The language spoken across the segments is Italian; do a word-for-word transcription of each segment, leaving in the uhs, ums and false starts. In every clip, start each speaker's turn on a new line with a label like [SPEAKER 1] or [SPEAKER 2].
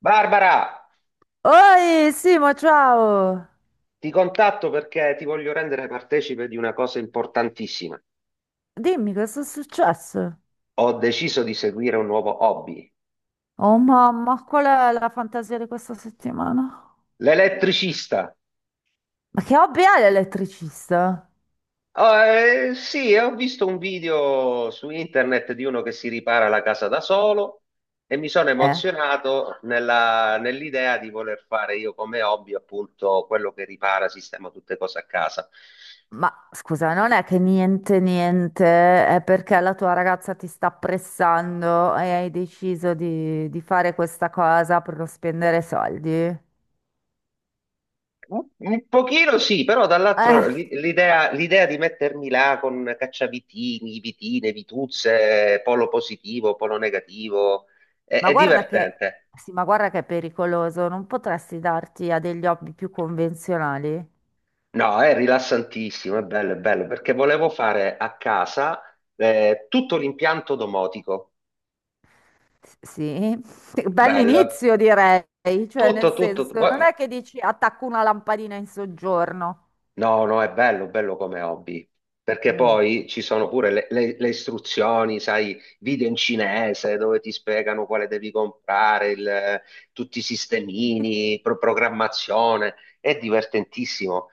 [SPEAKER 1] Barbara,
[SPEAKER 2] Oi, Simo, ciao!
[SPEAKER 1] ti contatto perché ti voglio rendere partecipe di una cosa importantissima.
[SPEAKER 2] Dimmi cosa è successo?
[SPEAKER 1] Ho deciso di seguire un nuovo hobby,
[SPEAKER 2] Oh mamma, qual è la fantasia di questa settimana?
[SPEAKER 1] l'elettricista.
[SPEAKER 2] Ma che hobby è l'elettricista?
[SPEAKER 1] Oh, eh, sì, ho visto un video su internet di uno che si ripara la casa da solo e mi sono
[SPEAKER 2] Eh,
[SPEAKER 1] emozionato nella- nell'idea di voler fare io come hobby appunto quello che ripara, sistema tutte cose a casa.
[SPEAKER 2] ma scusa, non è che niente, niente, è perché la tua ragazza ti sta pressando e hai deciso di, di fare questa cosa per non spendere soldi? Eh,
[SPEAKER 1] Un pochino sì, però dall'altro l'i- l'idea l'idea di mettermi là con cacciavitini, vitine, vituzze, polo positivo, polo negativo, è,
[SPEAKER 2] ma
[SPEAKER 1] è
[SPEAKER 2] guarda che,
[SPEAKER 1] divertente.
[SPEAKER 2] sì, ma guarda che è pericoloso, non potresti darti a degli hobby più convenzionali?
[SPEAKER 1] No, è rilassantissimo, è bello, è bello, perché volevo fare a casa eh, tutto l'impianto domotico.
[SPEAKER 2] Sì,
[SPEAKER 1] Bello.
[SPEAKER 2] bell'inizio direi, cioè nel
[SPEAKER 1] Tutto, tutto.
[SPEAKER 2] senso, non
[SPEAKER 1] Voi-
[SPEAKER 2] è che dici attacco una lampadina in soggiorno.
[SPEAKER 1] No, no, è bello, bello come hobby, perché
[SPEAKER 2] Mm.
[SPEAKER 1] poi ci sono pure le, le- le istruzioni, sai, video in cinese dove ti spiegano quale devi comprare, il- tutti i sistemini, pro- programmazione, è divertentissimo.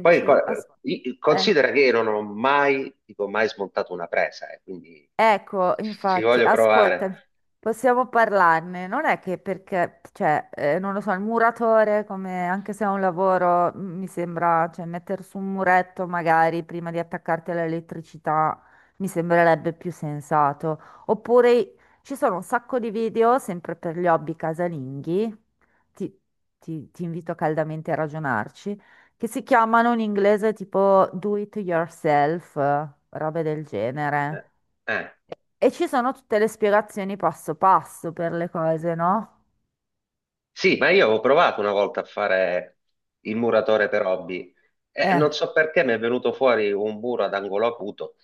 [SPEAKER 1] Poi co- i-
[SPEAKER 2] ascolta.
[SPEAKER 1] considera che io non ho mai, dico mai smontato una presa, eh, quindi
[SPEAKER 2] Ecco,
[SPEAKER 1] ci
[SPEAKER 2] infatti,
[SPEAKER 1] voglio provare.
[SPEAKER 2] ascolta, possiamo parlarne. Non è che perché, cioè, eh, non lo so, il muratore, come, anche se è un lavoro, m- mi sembra, cioè, mettere su un muretto magari prima di attaccarti all'elettricità mi sembrerebbe più sensato. Oppure ci sono un sacco di video, sempre per gli hobby casalinghi, ti, ti ti invito caldamente a ragionarci, che si chiamano in inglese tipo do it yourself, robe del
[SPEAKER 1] Eh,
[SPEAKER 2] genere.
[SPEAKER 1] eh.
[SPEAKER 2] E ci sono tutte le spiegazioni passo passo per le cose, no?
[SPEAKER 1] Sì, ma io avevo provato una volta a fare il muratore per hobby e
[SPEAKER 2] Eh,
[SPEAKER 1] non so perché mi è venuto fuori un muro ad angolo acuto,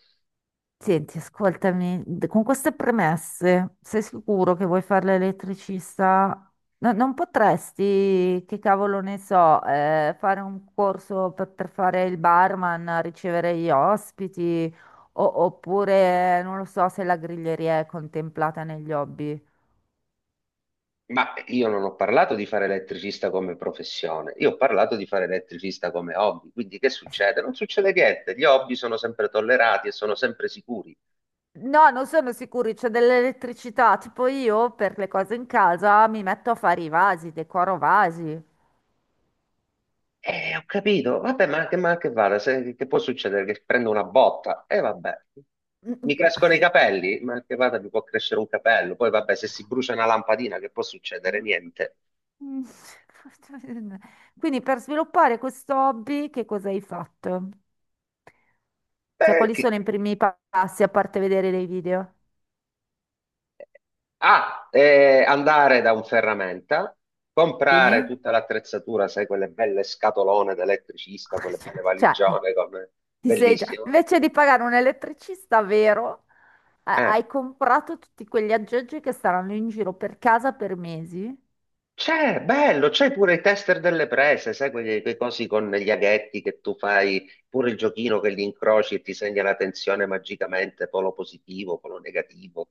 [SPEAKER 2] senti, ascoltami, d- con queste premesse, sei sicuro che vuoi fare l'elettricista? No- non potresti, che cavolo ne so, eh, fare un corso per, per fare il barman, ricevere gli ospiti, o- oppure, non lo so, se la griglieria è contemplata negli hobby.
[SPEAKER 1] ma io non ho parlato di fare elettricista come professione, io ho parlato di fare elettricista come hobby, quindi che succede? Non succede niente, gli hobby sono sempre tollerati e sono sempre sicuri.
[SPEAKER 2] No, non sono sicuri, c'è dell'elettricità, tipo io per le cose in casa mi metto a fare i vasi, decoro vasi.
[SPEAKER 1] E ho capito, vabbè, ma che, ma che vada, se- che può succedere che prendo una botta? E vabbè, mi crescono i capelli, ma che vada, mi può crescere un capello, poi vabbè, se si brucia una lampadina, che può succedere? Niente.
[SPEAKER 2] Quindi per sviluppare questo hobby, che cosa hai fatto? Cioè,
[SPEAKER 1] Eh,
[SPEAKER 2] quali
[SPEAKER 1] chi-
[SPEAKER 2] sono i primi pa- passi a parte vedere dei video?
[SPEAKER 1] Ah, eh, andare da un ferramenta, comprare
[SPEAKER 2] Sì?
[SPEAKER 1] tutta l'attrezzatura, sai, quelle belle scatolone da elettricista, quelle belle
[SPEAKER 2] Cioè,
[SPEAKER 1] valigione, con
[SPEAKER 2] ti sei già...
[SPEAKER 1] bellissimo.
[SPEAKER 2] Invece di pagare un elettricista vero, ha-
[SPEAKER 1] Eh.
[SPEAKER 2] hai comprato tutti quegli aggeggi che staranno in giro per casa per mesi?
[SPEAKER 1] C'è, bello, c'è pure i tester delle prese, sai, quei, quei cosi con gli aghetti che tu fai, pure il giochino che li incroci e ti segna la tensione magicamente, polo positivo, polo negativo.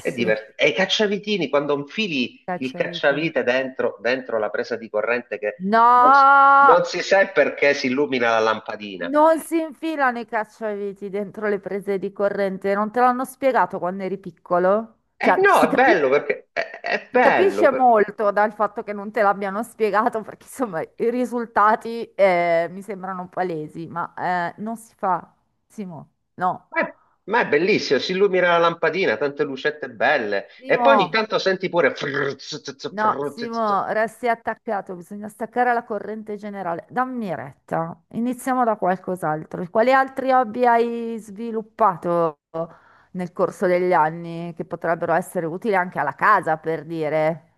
[SPEAKER 1] È diver- E i cacciavitini, quando infili il
[SPEAKER 2] cacciaviti.
[SPEAKER 1] cacciavite dentro, dentro la presa di corrente che
[SPEAKER 2] No,
[SPEAKER 1] non, s- non si sa perché si illumina la lampadina.
[SPEAKER 2] non si infilano i cacciaviti dentro le prese di corrente. Non te l'hanno spiegato quando eri piccolo?
[SPEAKER 1] Eh
[SPEAKER 2] Cioè,
[SPEAKER 1] no,
[SPEAKER 2] si
[SPEAKER 1] è bello
[SPEAKER 2] capisce,
[SPEAKER 1] perché è, è
[SPEAKER 2] si
[SPEAKER 1] bello.
[SPEAKER 2] capisce molto dal fatto che non te l'abbiano spiegato, perché insomma i risultati eh, mi sembrano palesi, ma eh, non si fa. Simo, no.
[SPEAKER 1] Ma è, ma è bellissimo, si illumina la lampadina, tante lucette belle. E poi ogni
[SPEAKER 2] Simo.
[SPEAKER 1] tanto senti pure frrr, zzz, zzz,
[SPEAKER 2] No,
[SPEAKER 1] frrr, zzz, zzz.
[SPEAKER 2] Simo, resti attaccato, bisogna staccare la corrente generale. Dammi retta, iniziamo da qualcos'altro. Quali altri hobby hai sviluppato nel corso degli anni che potrebbero essere utili anche alla casa, per dire?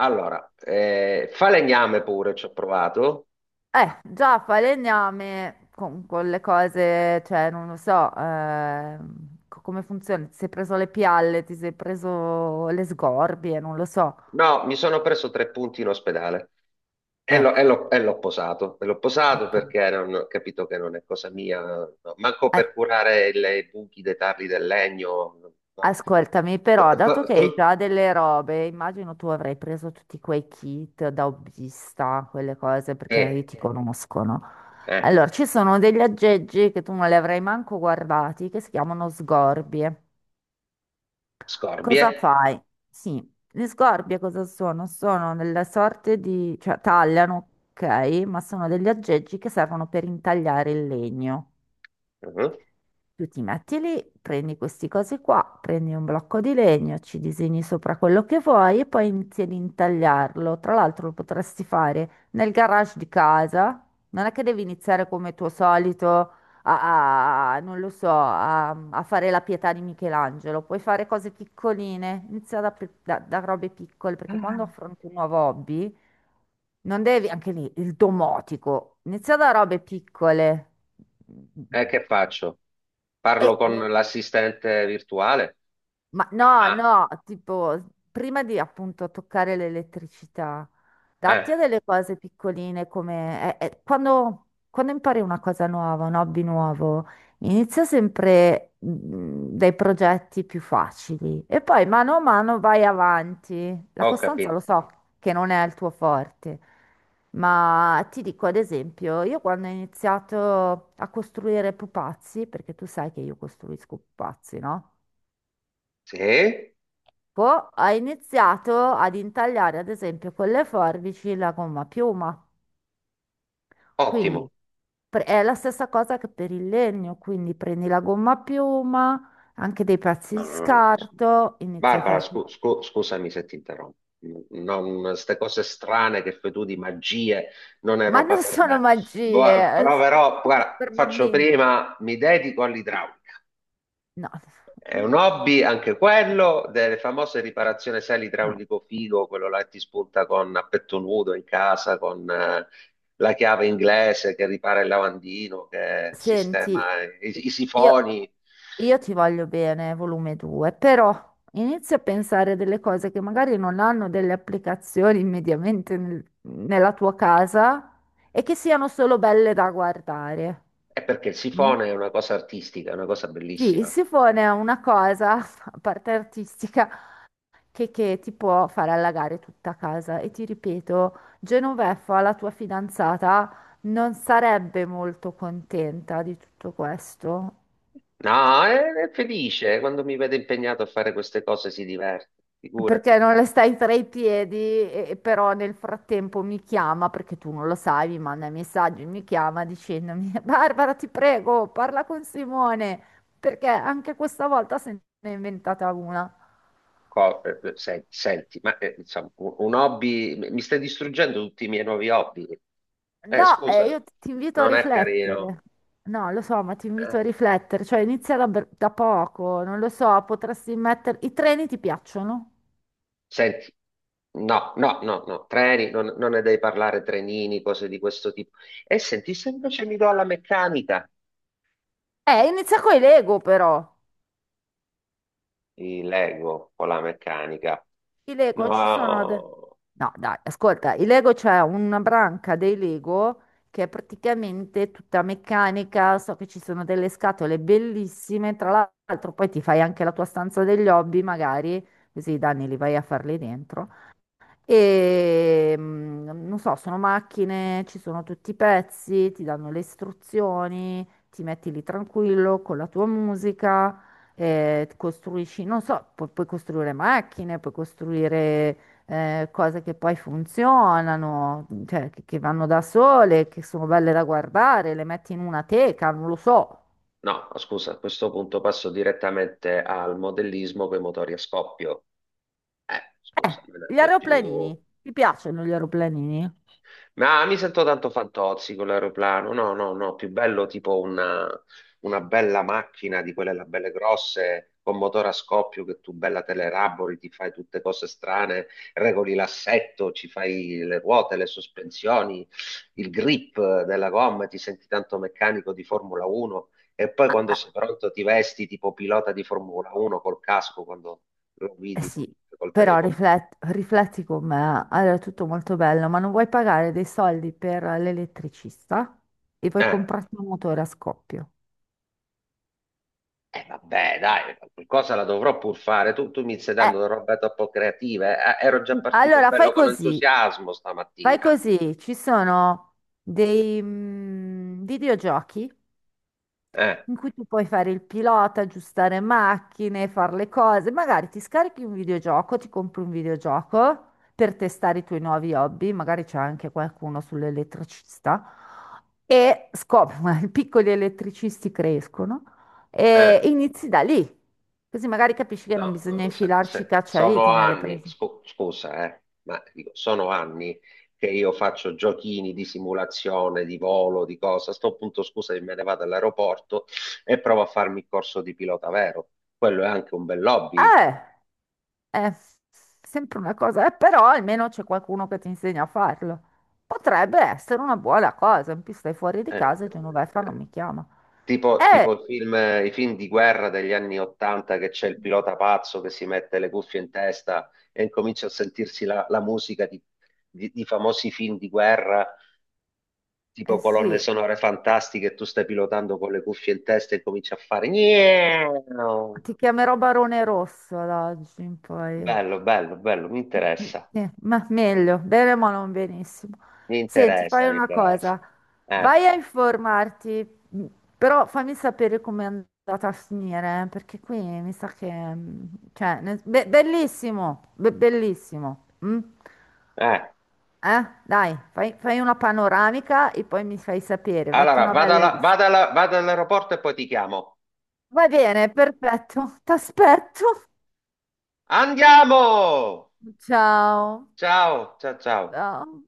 [SPEAKER 1] Allora, eh, falegname pure, ci ho provato.
[SPEAKER 2] Eh, già, falegname con, con le cose, cioè, non lo so, ehm, co- come funziona? Ti sei preso le pialle, ti sei preso le sgorbie, non lo so.
[SPEAKER 1] No, mi sono preso tre punti in ospedale. E l'ho e
[SPEAKER 2] Ecco,
[SPEAKER 1] l'ho- e l'ho posato, e l'ho posato
[SPEAKER 2] appunto.
[SPEAKER 1] perché non, ho capito che non è cosa mia, no. Manco
[SPEAKER 2] Eh,
[SPEAKER 1] per curare il- i buchi dei tarli del legno, no.
[SPEAKER 2] Ascoltami, però, dato
[SPEAKER 1] Tr-
[SPEAKER 2] che hai
[SPEAKER 1] tr-
[SPEAKER 2] già delle robe, immagino tu avrai preso tutti quei kit da hobbista, quelle cose, perché io
[SPEAKER 1] Eh,
[SPEAKER 2] ti conosco, no?
[SPEAKER 1] eh,
[SPEAKER 2] Allora, ci sono degli aggeggi che tu non li avrai manco guardati, che si chiamano sgorbie.
[SPEAKER 1] scorbie.
[SPEAKER 2] Cosa fai? Sì, le sgorbie cosa sono? Sono delle sorte di... cioè tagliano, ok, ma sono degli aggeggi che servono per intagliare il legno.
[SPEAKER 1] Mhm.
[SPEAKER 2] Tu ti metti lì, prendi questi cosi qua, prendi un blocco di legno, ci disegni sopra quello che vuoi e poi inizi ad intagliarlo. Tra l'altro lo potresti fare nel garage di casa. Non è che devi iniziare come tuo solito a, a- non lo so, a, a fare la pietà di Michelangelo. Puoi fare cose piccoline, inizia da, pe- da da robe piccole, perché
[SPEAKER 1] Ah.
[SPEAKER 2] quando affronti un nuovo hobby, non devi, anche lì, il domotico, inizia da robe piccole.
[SPEAKER 1] E che faccio?
[SPEAKER 2] E
[SPEAKER 1] Parlo con
[SPEAKER 2] non-
[SPEAKER 1] l'assistente virtuale?
[SPEAKER 2] Ma no,
[SPEAKER 1] Ah,
[SPEAKER 2] no, tipo, prima di appunto toccare l'elettricità,
[SPEAKER 1] eh,
[SPEAKER 2] datti a delle cose piccoline come... eh, eh, quando, quando impari una cosa nuova, un hobby nuovo, inizia sempre mm, dai progetti più facili e poi mano a mano vai avanti. La
[SPEAKER 1] ho
[SPEAKER 2] costanza
[SPEAKER 1] capito.
[SPEAKER 2] lo so che non è il tuo forte, ma ti dico ad esempio, io quando ho iniziato a costruire pupazzi, perché tu sai che io costruisco pupazzi, no?
[SPEAKER 1] Sì,
[SPEAKER 2] Poi ha iniziato ad intagliare, ad esempio, con le forbici la gomma a piuma. Quindi
[SPEAKER 1] ottimo.
[SPEAKER 2] pre- è la stessa cosa che per il legno, quindi prendi la gomma a piuma, anche dei pezzi di
[SPEAKER 1] Allora,
[SPEAKER 2] scarto, inizi a
[SPEAKER 1] Barbara,
[SPEAKER 2] farti...
[SPEAKER 1] scu- scu- scusami se ti interrompo. Non, queste cose strane che fai tu di magie non è
[SPEAKER 2] Ma
[SPEAKER 1] roba
[SPEAKER 2] non
[SPEAKER 1] per
[SPEAKER 2] sono
[SPEAKER 1] me. Vo-
[SPEAKER 2] magie, eh,
[SPEAKER 1] proverò,
[SPEAKER 2] sono
[SPEAKER 1] guarda,
[SPEAKER 2] per
[SPEAKER 1] faccio
[SPEAKER 2] bambini.
[SPEAKER 1] prima, mi dedico all'idraulica.
[SPEAKER 2] No,
[SPEAKER 1] È un hobby anche quello delle famose riparazioni sale
[SPEAKER 2] no.
[SPEAKER 1] idraulico figo, quello là che ti spunta con a petto nudo in casa, con eh, la chiave inglese che ripara il lavandino, che
[SPEAKER 2] Senti,
[SPEAKER 1] sistema i, i
[SPEAKER 2] io,
[SPEAKER 1] sifoni.
[SPEAKER 2] io ti voglio bene, volume due, però inizio a pensare delle cose che magari non hanno delle applicazioni immediatamente nel- nella tua casa e che siano solo belle da guardare.
[SPEAKER 1] È perché il
[SPEAKER 2] Mm?
[SPEAKER 1] sifone è una cosa artistica, è una cosa
[SPEAKER 2] Sì, il
[SPEAKER 1] bellissima.
[SPEAKER 2] sifone è una cosa, a parte artistica, che, che ti può far allagare tutta casa. E ti ripeto, Genoveffa, la tua fidanzata, non sarebbe molto contenta di tutto questo.
[SPEAKER 1] No, è, è felice quando mi vede impegnato a fare queste cose, si diverte, figurati.
[SPEAKER 2] Perché non le stai tra i piedi, e- e però nel frattempo mi chiama, perché tu non lo sai, mi manda i messaggi, mi chiama dicendomi: Barbara, ti prego, parla con Simone, perché anche questa volta se ne è inventata una.
[SPEAKER 1] Co- eh, sen- Senti, ma eh, insomma, un un hobby, mi stai distruggendo tutti i miei nuovi hobby. Eh,
[SPEAKER 2] No,
[SPEAKER 1] scusa,
[SPEAKER 2] eh, io ti invito a
[SPEAKER 1] non è carino.
[SPEAKER 2] riflettere. No, lo so, ma ti
[SPEAKER 1] Eh.
[SPEAKER 2] invito a riflettere, cioè inizia da, br- da poco, non lo so, potresti mettere... I treni ti piacciono?
[SPEAKER 1] Senti, no, no, no, no, treni, non, non ne devi parlare, trenini, cose di questo tipo. E senti, se invece mi do alla meccanica,
[SPEAKER 2] Eh, inizia con i Lego però.
[SPEAKER 1] mi leggo con la meccanica.
[SPEAKER 2] I Lego ci sono...
[SPEAKER 1] No,
[SPEAKER 2] No, dai, ascolta, il Lego c'è una branca dei Lego che è praticamente tutta meccanica, so che ci sono delle scatole bellissime, tra l'altro poi ti fai anche la tua stanza degli hobby magari, così i danni li vai a farli dentro. E mm, non so, sono macchine, ci sono tutti i pezzi, ti danno le istruzioni, ti metti lì tranquillo con la tua musica, eh, costruisci, non so, pu- puoi costruire macchine, puoi costruire eh, cose che poi funzionano, cioè che, che vanno da sole, che sono belle da guardare, le metti in una teca, non lo so.
[SPEAKER 1] no, scusa, a questo punto passo direttamente al modellismo con i motori a scoppio. Eh, scusa,
[SPEAKER 2] Eh,
[SPEAKER 1] non
[SPEAKER 2] gli
[SPEAKER 1] è più.
[SPEAKER 2] aeroplanini, ti piacciono gli aeroplanini?
[SPEAKER 1] Ma mi sento tanto fantozzi con l'aeroplano. No, no, no, più bello tipo una, una bella macchina di quelle là belle grosse con motore a scoppio che tu bella te le rabori, ti fai tutte cose strane, regoli l'assetto, ci fai le ruote, le sospensioni, il grip della gomma, ti senti tanto meccanico di Formula uno e poi quando sei pronto ti vesti tipo pilota di Formula uno col casco quando lo
[SPEAKER 2] Eh
[SPEAKER 1] guidi col,
[SPEAKER 2] sì,
[SPEAKER 1] col
[SPEAKER 2] però
[SPEAKER 1] telecomando.
[SPEAKER 2] riflet- rifletti con me, allora è tutto molto bello, ma non vuoi pagare dei soldi per l'elettricista e vuoi comprarti un motore a scoppio.
[SPEAKER 1] Eh, vabbè, dai, qualcosa la dovrò pur fare. Tu, tu mi stai
[SPEAKER 2] Eh,
[SPEAKER 1] dando una roba troppo creativa. Eh. Eh, ero già partito
[SPEAKER 2] allora fai
[SPEAKER 1] bello con
[SPEAKER 2] così,
[SPEAKER 1] entusiasmo
[SPEAKER 2] fai
[SPEAKER 1] stamattina.
[SPEAKER 2] così, ci sono dei mm, videogiochi
[SPEAKER 1] Eh,
[SPEAKER 2] in cui tu puoi fare il pilota, aggiustare macchine, fare le cose. Magari ti scarichi un videogioco, ti compri un videogioco per testare i tuoi nuovi hobby, magari c'è anche qualcuno sull'elettricista e scopri, ma i piccoli elettricisti crescono
[SPEAKER 1] eh,
[SPEAKER 2] e inizi da lì. Così magari capisci che non
[SPEAKER 1] no,
[SPEAKER 2] bisogna
[SPEAKER 1] no, se-
[SPEAKER 2] infilarci i
[SPEAKER 1] se- sono
[SPEAKER 2] cacciaviti nelle
[SPEAKER 1] anni,
[SPEAKER 2] prese.
[SPEAKER 1] scu- scusa, eh, ma dico, sono anni che io faccio giochini di simulazione, di volo, di cosa. A sto punto, scusa, me ne vado all'aeroporto e provo a farmi il corso di pilota vero. Quello è anche un bel hobby.
[SPEAKER 2] Eh! È sempre una cosa, eh, però almeno c'è qualcuno che ti insegna a farlo. Potrebbe essere una buona cosa, in più stai fuori di
[SPEAKER 1] Eh.
[SPEAKER 2] casa e Genoveffa non
[SPEAKER 1] Eh,
[SPEAKER 2] mi chiama.
[SPEAKER 1] tipo,
[SPEAKER 2] Eh,
[SPEAKER 1] tipo i film, i film di guerra degli anni Ottanta che c'è il pilota pazzo che si mette le cuffie in testa e incomincia a sentirsi la, la musica di, di- di famosi film di guerra,
[SPEAKER 2] eh
[SPEAKER 1] tipo colonne
[SPEAKER 2] sì,
[SPEAKER 1] sonore fantastiche, e tu stai pilotando con le cuffie in testa e cominci a fare. "Miau".
[SPEAKER 2] ti chiamerò Barone Rosso da oggi in poi.
[SPEAKER 1] Bello, bello, bello, mi interessa,
[SPEAKER 2] Sì, ma meglio, bene ma non benissimo.
[SPEAKER 1] mi
[SPEAKER 2] Senti,
[SPEAKER 1] interessa,
[SPEAKER 2] fai
[SPEAKER 1] mi
[SPEAKER 2] una
[SPEAKER 1] interessa.
[SPEAKER 2] cosa,
[SPEAKER 1] Eh,
[SPEAKER 2] vai a informarti, mh, però fammi sapere come è andata a finire, eh, perché qui mi sa che... mh, cioè, ne- be- bellissimo, be- bellissimo. Mm?
[SPEAKER 1] eh.
[SPEAKER 2] Eh? Dai, fai, fai una panoramica e poi mi fai sapere, metti
[SPEAKER 1] Allora,
[SPEAKER 2] una
[SPEAKER 1] vado
[SPEAKER 2] bella
[SPEAKER 1] alla-
[SPEAKER 2] lista.
[SPEAKER 1] vado alla- vado all'aeroporto e poi ti chiamo.
[SPEAKER 2] Va bene, perfetto, ti aspetto.
[SPEAKER 1] Andiamo!
[SPEAKER 2] Ciao.
[SPEAKER 1] Ciao, ciao, ciao.
[SPEAKER 2] Ciao.